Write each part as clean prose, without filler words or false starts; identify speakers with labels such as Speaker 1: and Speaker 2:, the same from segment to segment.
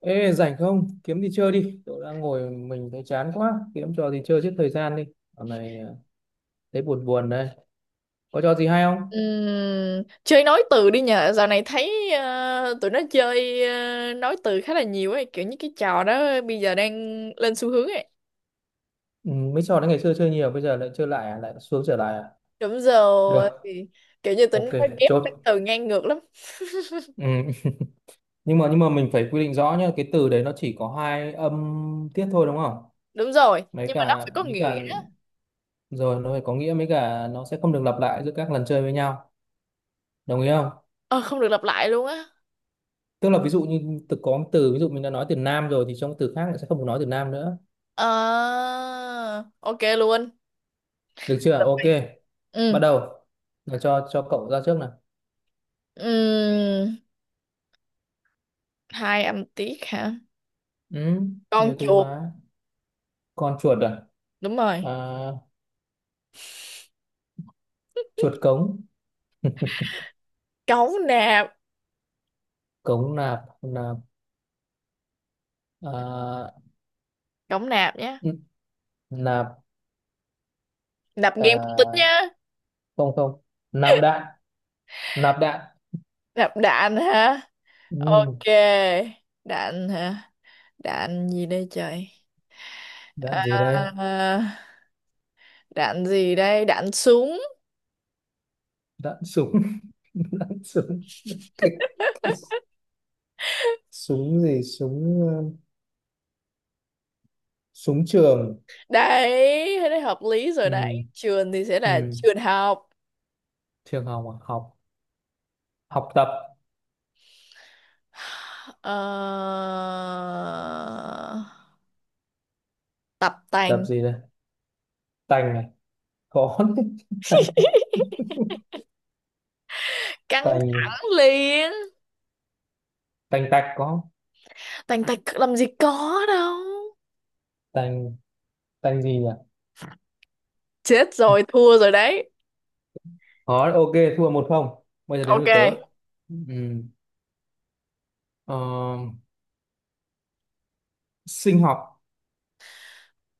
Speaker 1: Ê, rảnh không? Kiếm đi chơi đi. Tôi đang ngồi mình thấy chán quá. Kiếm trò gì chơi giết thời gian đi. Dạo này à, thấy buồn buồn đây. Có trò gì hay không?
Speaker 2: Chơi nói từ đi nhờ. Dạo này thấy tụi nó chơi nói từ khá là nhiều ấy, kiểu như cái trò đó bây giờ đang lên xu hướng ấy.
Speaker 1: Ừ, mấy trò đấy ngày xưa chơi nhiều, bây giờ lại chơi lại à? Lại xuống trở lại à?
Speaker 2: Đúng rồi,
Speaker 1: Được.
Speaker 2: thì kiểu như tụi
Speaker 1: Ok,
Speaker 2: nó ghép
Speaker 1: chốt.
Speaker 2: cái từ ngang ngược lắm.
Speaker 1: Ừ. Nhưng mà mình phải quy định rõ nhá. Cái từ đấy nó chỉ có hai âm tiết thôi đúng không?
Speaker 2: Đúng rồi,
Speaker 1: Mấy
Speaker 2: nhưng mà nó
Speaker 1: cả
Speaker 2: phải có
Speaker 1: mấy cả
Speaker 2: nghĩa.
Speaker 1: rồi nó phải có nghĩa, mấy cả nó sẽ không được lặp lại giữa các lần chơi với nhau. Đồng ý không?
Speaker 2: Ờ, Không được lặp lại luôn á.
Speaker 1: Tức là ví dụ như từ có một từ, ví dụ mình đã nói từ nam rồi thì trong từ khác lại sẽ không được nói từ nam nữa.
Speaker 2: Ờ, ok luôn.
Speaker 1: Được chưa? Ok, bắt
Speaker 2: Ừ.
Speaker 1: đầu rồi, cho cậu ra trước nào.
Speaker 2: Ừm, Hai âm tiết hả?
Speaker 1: Ừ,
Speaker 2: Con
Speaker 1: nhiều từ
Speaker 2: chuột.
Speaker 1: mà. Con chuột à?
Speaker 2: Đúng rồi.
Speaker 1: À, chuột cống.
Speaker 2: Cống nạp.
Speaker 1: Cống nạp. Nạp à?
Speaker 2: Cống nạp nhá.
Speaker 1: n- Nạp.
Speaker 2: Nạp game không tính
Speaker 1: À,
Speaker 2: nhá.
Speaker 1: không không, nạp đạn. Nạp đạn.
Speaker 2: Nạp đạn hả?
Speaker 1: Ừ,
Speaker 2: Ok, đạn hả? Đạn gì đây trời?
Speaker 1: đạn gì đây?
Speaker 2: À, đạn gì đây? Đạn súng.
Speaker 1: Đạn súng. Đạn súng. Cái, cái súng gì? Súng súng trường.
Speaker 2: Đấy, thế này hợp lý rồi đấy.
Speaker 1: Ừ.
Speaker 2: Trường thì sẽ là
Speaker 1: Ừ.
Speaker 2: trường học.
Speaker 1: Trường học à? Học. Học tập.
Speaker 2: Ờ, tập
Speaker 1: Tập
Speaker 2: tành.
Speaker 1: gì đây? Tành này có đấy. Tành.
Speaker 2: Căng
Speaker 1: Tành.
Speaker 2: thẳng liền.
Speaker 1: Tành tạch có không?
Speaker 2: Tành tạch làm gì có đâu.
Speaker 1: Tanh. Tanh gì nhỉ?
Speaker 2: Chết rồi, thua rồi đấy.
Speaker 1: Khó. Ok, thua 1-0. Bây giờ đến
Speaker 2: Ok,
Speaker 1: lượt tớ. Ừm, ờ, Sinh học.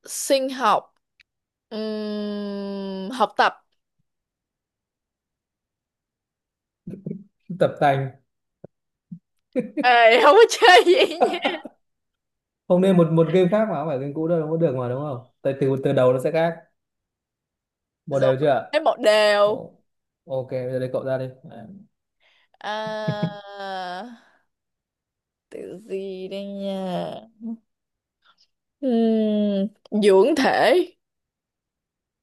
Speaker 2: sinh học. Học tập.
Speaker 1: Tập tành.
Speaker 2: Ê, không có chơi gì nhỉ?
Speaker 1: Không nên một một game khác mà không phải game cũ đâu, không có được mà đúng không? Tại từ từ đầu nó sẽ khác. Một
Speaker 2: Rồi,
Speaker 1: đều chưa?
Speaker 2: thế một đều.
Speaker 1: Ồ, ok, bây giờ đến cậu ra đi. À,
Speaker 2: À, từ gì đây nha? Ừm, Dưỡng thể,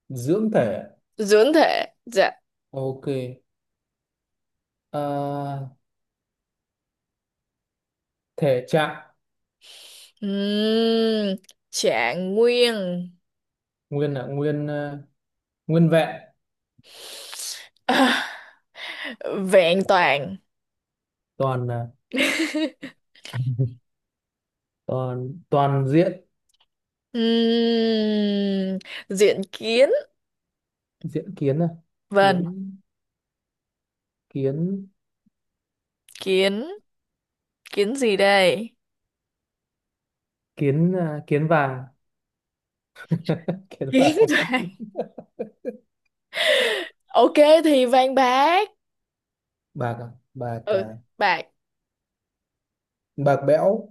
Speaker 1: dưỡng thể.
Speaker 2: dưỡng thể, dạ.
Speaker 1: Ok. Ờ, thể trạng.
Speaker 2: Ừm, Trạng nguyên.
Speaker 1: Nguyên là nguyên nguyên vẹn.
Speaker 2: À, vẹn toàn.
Speaker 1: Toàn là toàn toàn diện.
Speaker 2: Ừm, Diện kiến,
Speaker 1: Diện kiến à?
Speaker 2: vâng,
Speaker 1: Kiến. Kiến.
Speaker 2: kiến, kiến gì đây?
Speaker 1: Kiến à? Kiến vàng. Kiến
Speaker 2: Kiến
Speaker 1: vàng.
Speaker 2: vàng. Ok thì vàng bạc.
Speaker 1: Bạc à? Bạc
Speaker 2: Ừ,
Speaker 1: à?
Speaker 2: bạc.
Speaker 1: Bạc bẽo.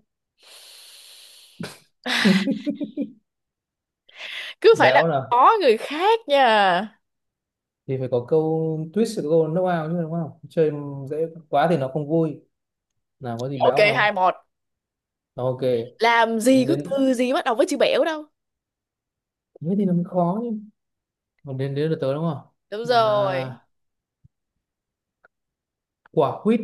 Speaker 2: Cứ phải là
Speaker 1: Béo nào
Speaker 2: có người khác nha.
Speaker 1: thì phải có câu twist, có câu knock out chứ đúng không? Chơi dễ quá thì nó không vui. Nào, có gì
Speaker 2: Ok,
Speaker 1: béo không?
Speaker 2: 2-1.
Speaker 1: Ok,
Speaker 2: Làm gì có
Speaker 1: đến.
Speaker 2: từ gì bắt đầu với chữ bẻo đâu.
Speaker 1: Thế thì nó mới khó chứ, còn đến đến được tới đúng không?
Speaker 2: Đúng rồi.
Speaker 1: À, quả quýt.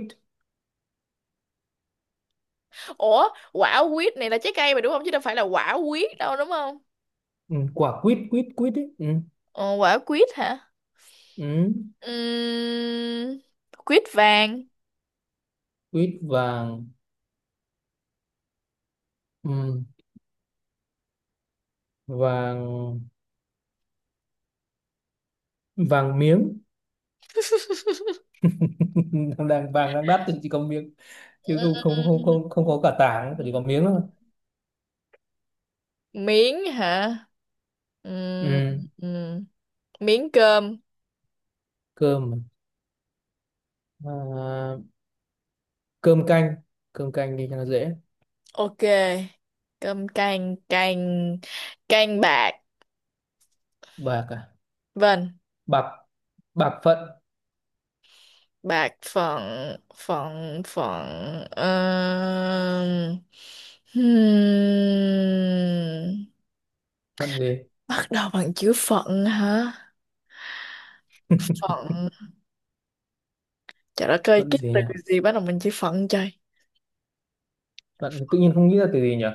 Speaker 2: Ủa, quả quýt này là trái cây mà đúng không, chứ đâu phải là quả quýt đâu đúng không?
Speaker 1: Ừ, quả quýt. Quýt quýt ấy. Ừ.
Speaker 2: Ờ, Quả quýt hả?
Speaker 1: Ừ.
Speaker 2: Ừm, Quýt vàng.
Speaker 1: Quýt vàng. Ừ. Vàng. Vàng miếng. đang đang- Vàng đang đắt thì chỉ có miếng chứ không không không
Speaker 2: Ừm,
Speaker 1: không không có cả tảng, chỉ có miếng thôi.
Speaker 2: Miếng hả? Ừm,
Speaker 1: Ừ.
Speaker 2: ừm, Miếng cơm.
Speaker 1: Cơm. À, cơm canh. Cơm canh đi cho nó dễ.
Speaker 2: Ok. Cơm canh, canh. Canh bạc.
Speaker 1: Bạc à?
Speaker 2: Vâng.
Speaker 1: Bạc. Bạc phận.
Speaker 2: Bạc phận, phận phận, hmm,
Speaker 1: Phận gì?
Speaker 2: bắt đầu bằng chữ phận hả? Phận. Trời đất ơi,
Speaker 1: Phận
Speaker 2: cái
Speaker 1: gì
Speaker 2: từ
Speaker 1: nhỉ?
Speaker 2: gì bắt đầu bằng chữ phận trời.
Speaker 1: Phận thì tự nhiên không nghĩ ra từ gì nhỉ.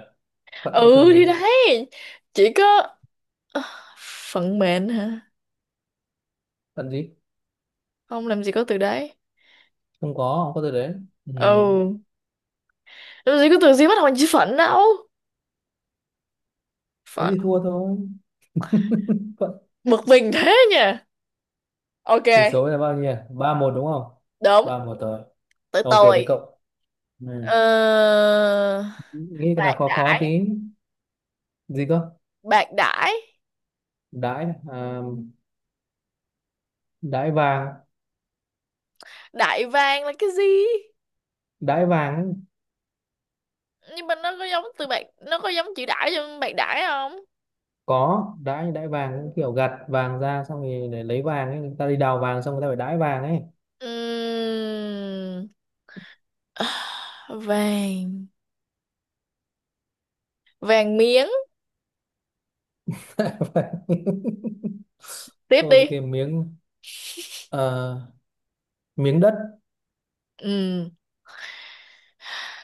Speaker 1: Phận có từ
Speaker 2: Ừ
Speaker 1: gì
Speaker 2: thì
Speaker 1: không?
Speaker 2: đấy, chỉ có. Ờ, phận mệnh hả?
Speaker 1: Phận gì?
Speaker 2: Không, làm gì có từ đấy.
Speaker 1: Không có từ đấy. Ừ.
Speaker 2: Ừ. Làm gì có từ gì bắt đầu bằng chữ phận đâu.
Speaker 1: Thế
Speaker 2: Phận.
Speaker 1: thì thua thôi. Phận.
Speaker 2: Bực mình thế nha. Ok.
Speaker 1: Tỷ số là bao nhiêu nhỉ? 3-1 đúng không?
Speaker 2: Đúng.
Speaker 1: 3-1 rồi.
Speaker 2: Tới
Speaker 1: Ok, đấy
Speaker 2: tôi.
Speaker 1: cậu. Ừ,
Speaker 2: Ờ,
Speaker 1: nghĩ cái nào
Speaker 2: bạc
Speaker 1: khó khó tí.
Speaker 2: đãi.
Speaker 1: Gì cơ?
Speaker 2: Bạc đãi.
Speaker 1: Đãi à? Đãi vàng.
Speaker 2: Đại vàng là cái gì?
Speaker 1: Đãi vàng ấy.
Speaker 2: Nhưng mà nó có giống từ bạc, nó có giống chữ đãi trong bạc đãi không?
Speaker 1: Có đãi, đãi vàng cũng kiểu gặt vàng ra xong thì để lấy vàng ấy, người ta đi đào vàng xong người ta phải đãi vàng ấy.
Speaker 2: Ừm, vàng. Vàng miếng. Tiếp đi.
Speaker 1: Ok, miếng. Ờ, miếng đất.
Speaker 2: Ừm,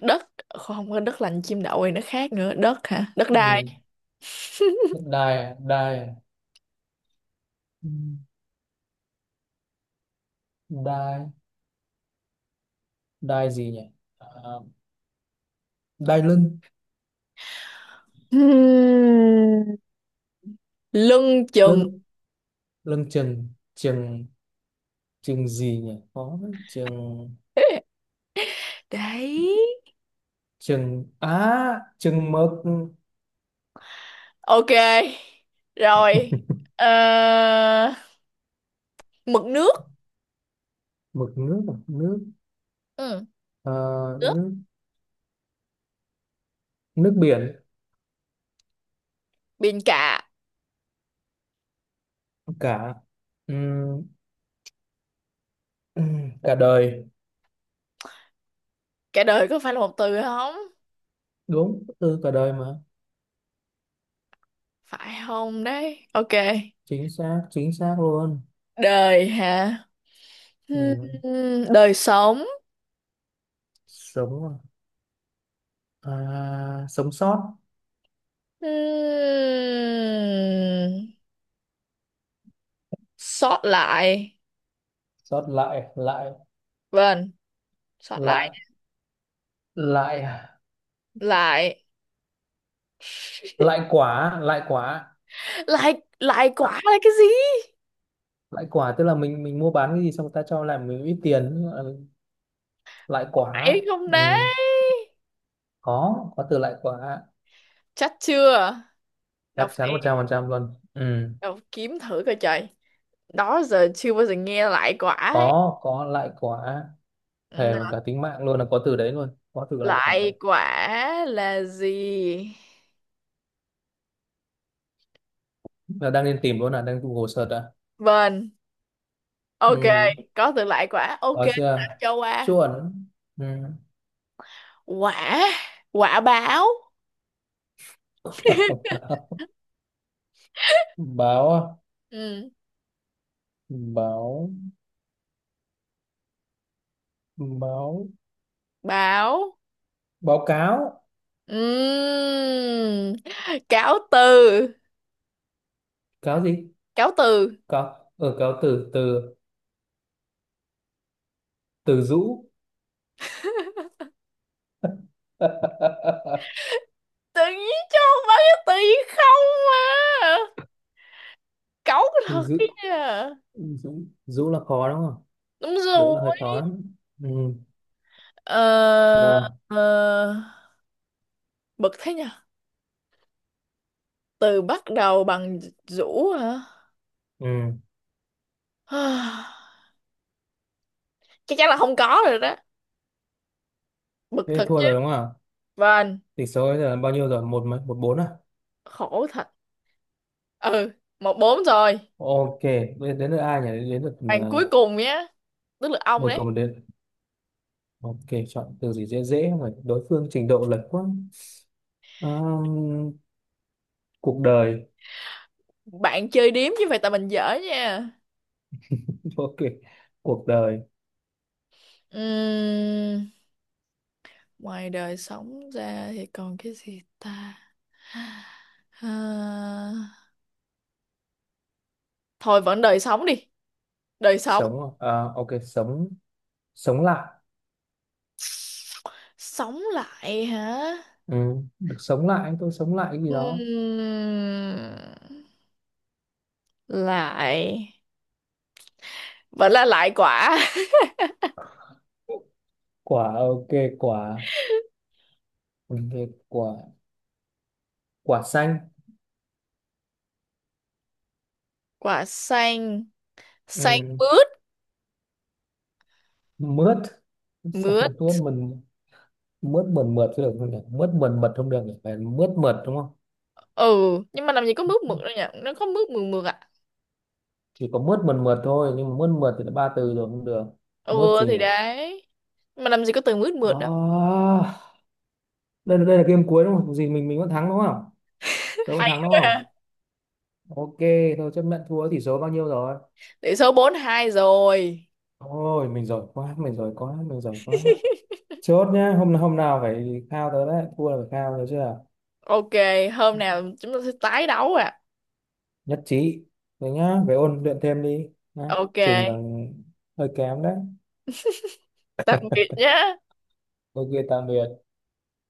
Speaker 2: Đất. Không có đất lành chim đậu thì nó khác nữa. Đất hả? Đất đai.
Speaker 1: Ừ. Đài. Đài. Ừ, đài. Đài gì nhỉ? Ờ, đài lưng.
Speaker 2: Ừm, Lưng chừng.
Speaker 1: Lưng. Lưng chừng. Chừng. Chừng gì nhỉ? Có đấy, chừng.
Speaker 2: Đấy.
Speaker 1: Chừng á, chừng mực.
Speaker 2: Ok, rồi. Ờ, mực nước.
Speaker 1: Mực nước à? Nước.
Speaker 2: Ừ.
Speaker 1: Ờ,
Speaker 2: Nước
Speaker 1: nước. Nước biển.
Speaker 2: biển, cả.
Speaker 1: Cả. Ừ. Ừ, cả đời.
Speaker 2: Cả đời có phải là một từ không?
Speaker 1: Đúng từ cả đời mà.
Speaker 2: Phải không đấy? Ok.
Speaker 1: Chính xác, chính xác luôn.
Speaker 2: Đời hả?
Speaker 1: Ừ.
Speaker 2: Đời sống.
Speaker 1: Sống à? À, sống sót.
Speaker 2: Hmm, Sót lại.
Speaker 1: Sót lại. Lại.
Speaker 2: Vâng, sót lại.
Speaker 1: Lại. Lại.
Speaker 2: Lại.
Speaker 1: Lại quả. Lại quả.
Speaker 2: Lại lại quả là cái gì?
Speaker 1: Lại quả tức là mình mua bán cái gì xong người ta cho lại mình ít tiền. Ừ, lại quả.
Speaker 2: Phải không
Speaker 1: Ừ.
Speaker 2: đấy?
Speaker 1: có từ lại quả.
Speaker 2: Chắc chưa? Đâu
Speaker 1: Chắc chắn
Speaker 2: phải.
Speaker 1: 100% luôn. Ừ.
Speaker 2: Đâu, kiếm thử coi trời. Đó giờ chưa bao giờ nghe lại quả ấy.
Speaker 1: có lại quả.
Speaker 2: Ừ,
Speaker 1: Thề mà cả tính mạng luôn là có từ đấy luôn, có từ lại quả
Speaker 2: lại
Speaker 1: đấy.
Speaker 2: quả là gì?
Speaker 1: Là đang lên tìm luôn, là đang Google search à.
Speaker 2: Vâng. Ok,
Speaker 1: Ừ.
Speaker 2: có từ lại quả. Ok,
Speaker 1: Có
Speaker 2: đã
Speaker 1: chưa?
Speaker 2: cho qua.
Speaker 1: Chuẩn. Ừ.
Speaker 2: Quả, quả báo.
Speaker 1: Báo à?
Speaker 2: Ừ,
Speaker 1: Báo. Báo.
Speaker 2: báo.
Speaker 1: Báo cáo.
Speaker 2: Ừm, Cáo từ,
Speaker 1: Cáo gì?
Speaker 2: cáo từ.
Speaker 1: Cáo ở. Cáo từ. Từ. Từ rũ.
Speaker 2: Tự nhiên cho bao nhiêu tự nhiên không à. Cáu
Speaker 1: Từ
Speaker 2: thật
Speaker 1: rũ.
Speaker 2: cái nha.
Speaker 1: Rũ. Rũ là khó đúng không?
Speaker 2: Đúng
Speaker 1: Rũ
Speaker 2: rồi.
Speaker 1: là hơi khó đấy. Ừ.
Speaker 2: Ờ,
Speaker 1: Nào.
Speaker 2: ờ, bực thế nha. Từ bắt đầu bằng rũ hả?
Speaker 1: Ừ.
Speaker 2: Chắc chắn là không có rồi đó. Bực
Speaker 1: Thế thì
Speaker 2: thật
Speaker 1: thua
Speaker 2: chứ.
Speaker 1: rồi đúng không?
Speaker 2: Vâng,
Speaker 1: Tỷ số bây giờ là bao nhiêu rồi? Một mấy? 1-4 à?
Speaker 2: khổ thật. Ừ, 1-4 rồi.
Speaker 1: Ok, bây giờ đến lượt ai nhỉ? Đến lượt
Speaker 2: Bạn cuối cùng nhé, tức là ông
Speaker 1: một
Speaker 2: đấy.
Speaker 1: cầu một. Đến. Ok, chọn từ gì dễ dễ, không phải đối phương trình độ lệch quá. Ờm, Cuộc đời.
Speaker 2: Bạn chơi điếm chứ phải tại mình dở nha.
Speaker 1: Ok, cuộc đời.
Speaker 2: Ừm, Ngoài đời sống ra thì còn cái gì ta? À, thôi vẫn đời sống đi, đời sống.
Speaker 1: Sống à? Ok, sống. Sống lại.
Speaker 2: Sống lại hả?
Speaker 1: Ừ, được sống lại. Tôi sống lại cái gì đó.
Speaker 2: Ừm, Lại vẫn là lại quả.
Speaker 1: Quả. Ok, quả. Ừ, ok, quả. Quả xanh.
Speaker 2: Quả xanh, xanh
Speaker 1: Ừ.
Speaker 2: mướt,
Speaker 1: Mướt. Xanh
Speaker 2: mướt.
Speaker 1: mướt mình. Mướt mượt mượt chứ được không nhỉ? Mướt mượt mượt không được nhỉ, phải mướt mượt đúng không?
Speaker 2: Ừ, nhưng mà làm gì có mướt mượt đâu nhỉ? Nó có mướt mượt mượt à?
Speaker 1: Chỉ có mướt mượt mượt thôi, nhưng mà mướt mượt thì là ba từ rồi, không được. Mướt
Speaker 2: Ừ
Speaker 1: gì
Speaker 2: thì
Speaker 1: nhỉ?
Speaker 2: đấy. Mà làm gì có từ mướt mượt đâu.
Speaker 1: À, đây là game cuối đúng không? Gì, mình vẫn thắng đúng không? Tôi vẫn
Speaker 2: Hay
Speaker 1: thắng đúng
Speaker 2: quá
Speaker 1: không?
Speaker 2: ha.
Speaker 1: Ok, tôi chấp nhận thua. Tỷ số bao nhiêu rồi?
Speaker 2: Tỷ số 4-2 rồi.
Speaker 1: Ôi, mình giỏi quá, mình giỏi quá, mình giỏi quá. Chốt nhá, hôm hôm nào phải khao tớ đấy, thua là phải khao được chưa?
Speaker 2: Ok, hôm nào chúng ta sẽ tái đấu ạ.
Speaker 1: Nhất trí. Rồi nhá, phải ôn luyện thêm đi. Nhá.
Speaker 2: À. Ok,
Speaker 1: Trình còn hơi kém đấy.
Speaker 2: tạm biệt nhé.
Speaker 1: Ok, tạm biệt.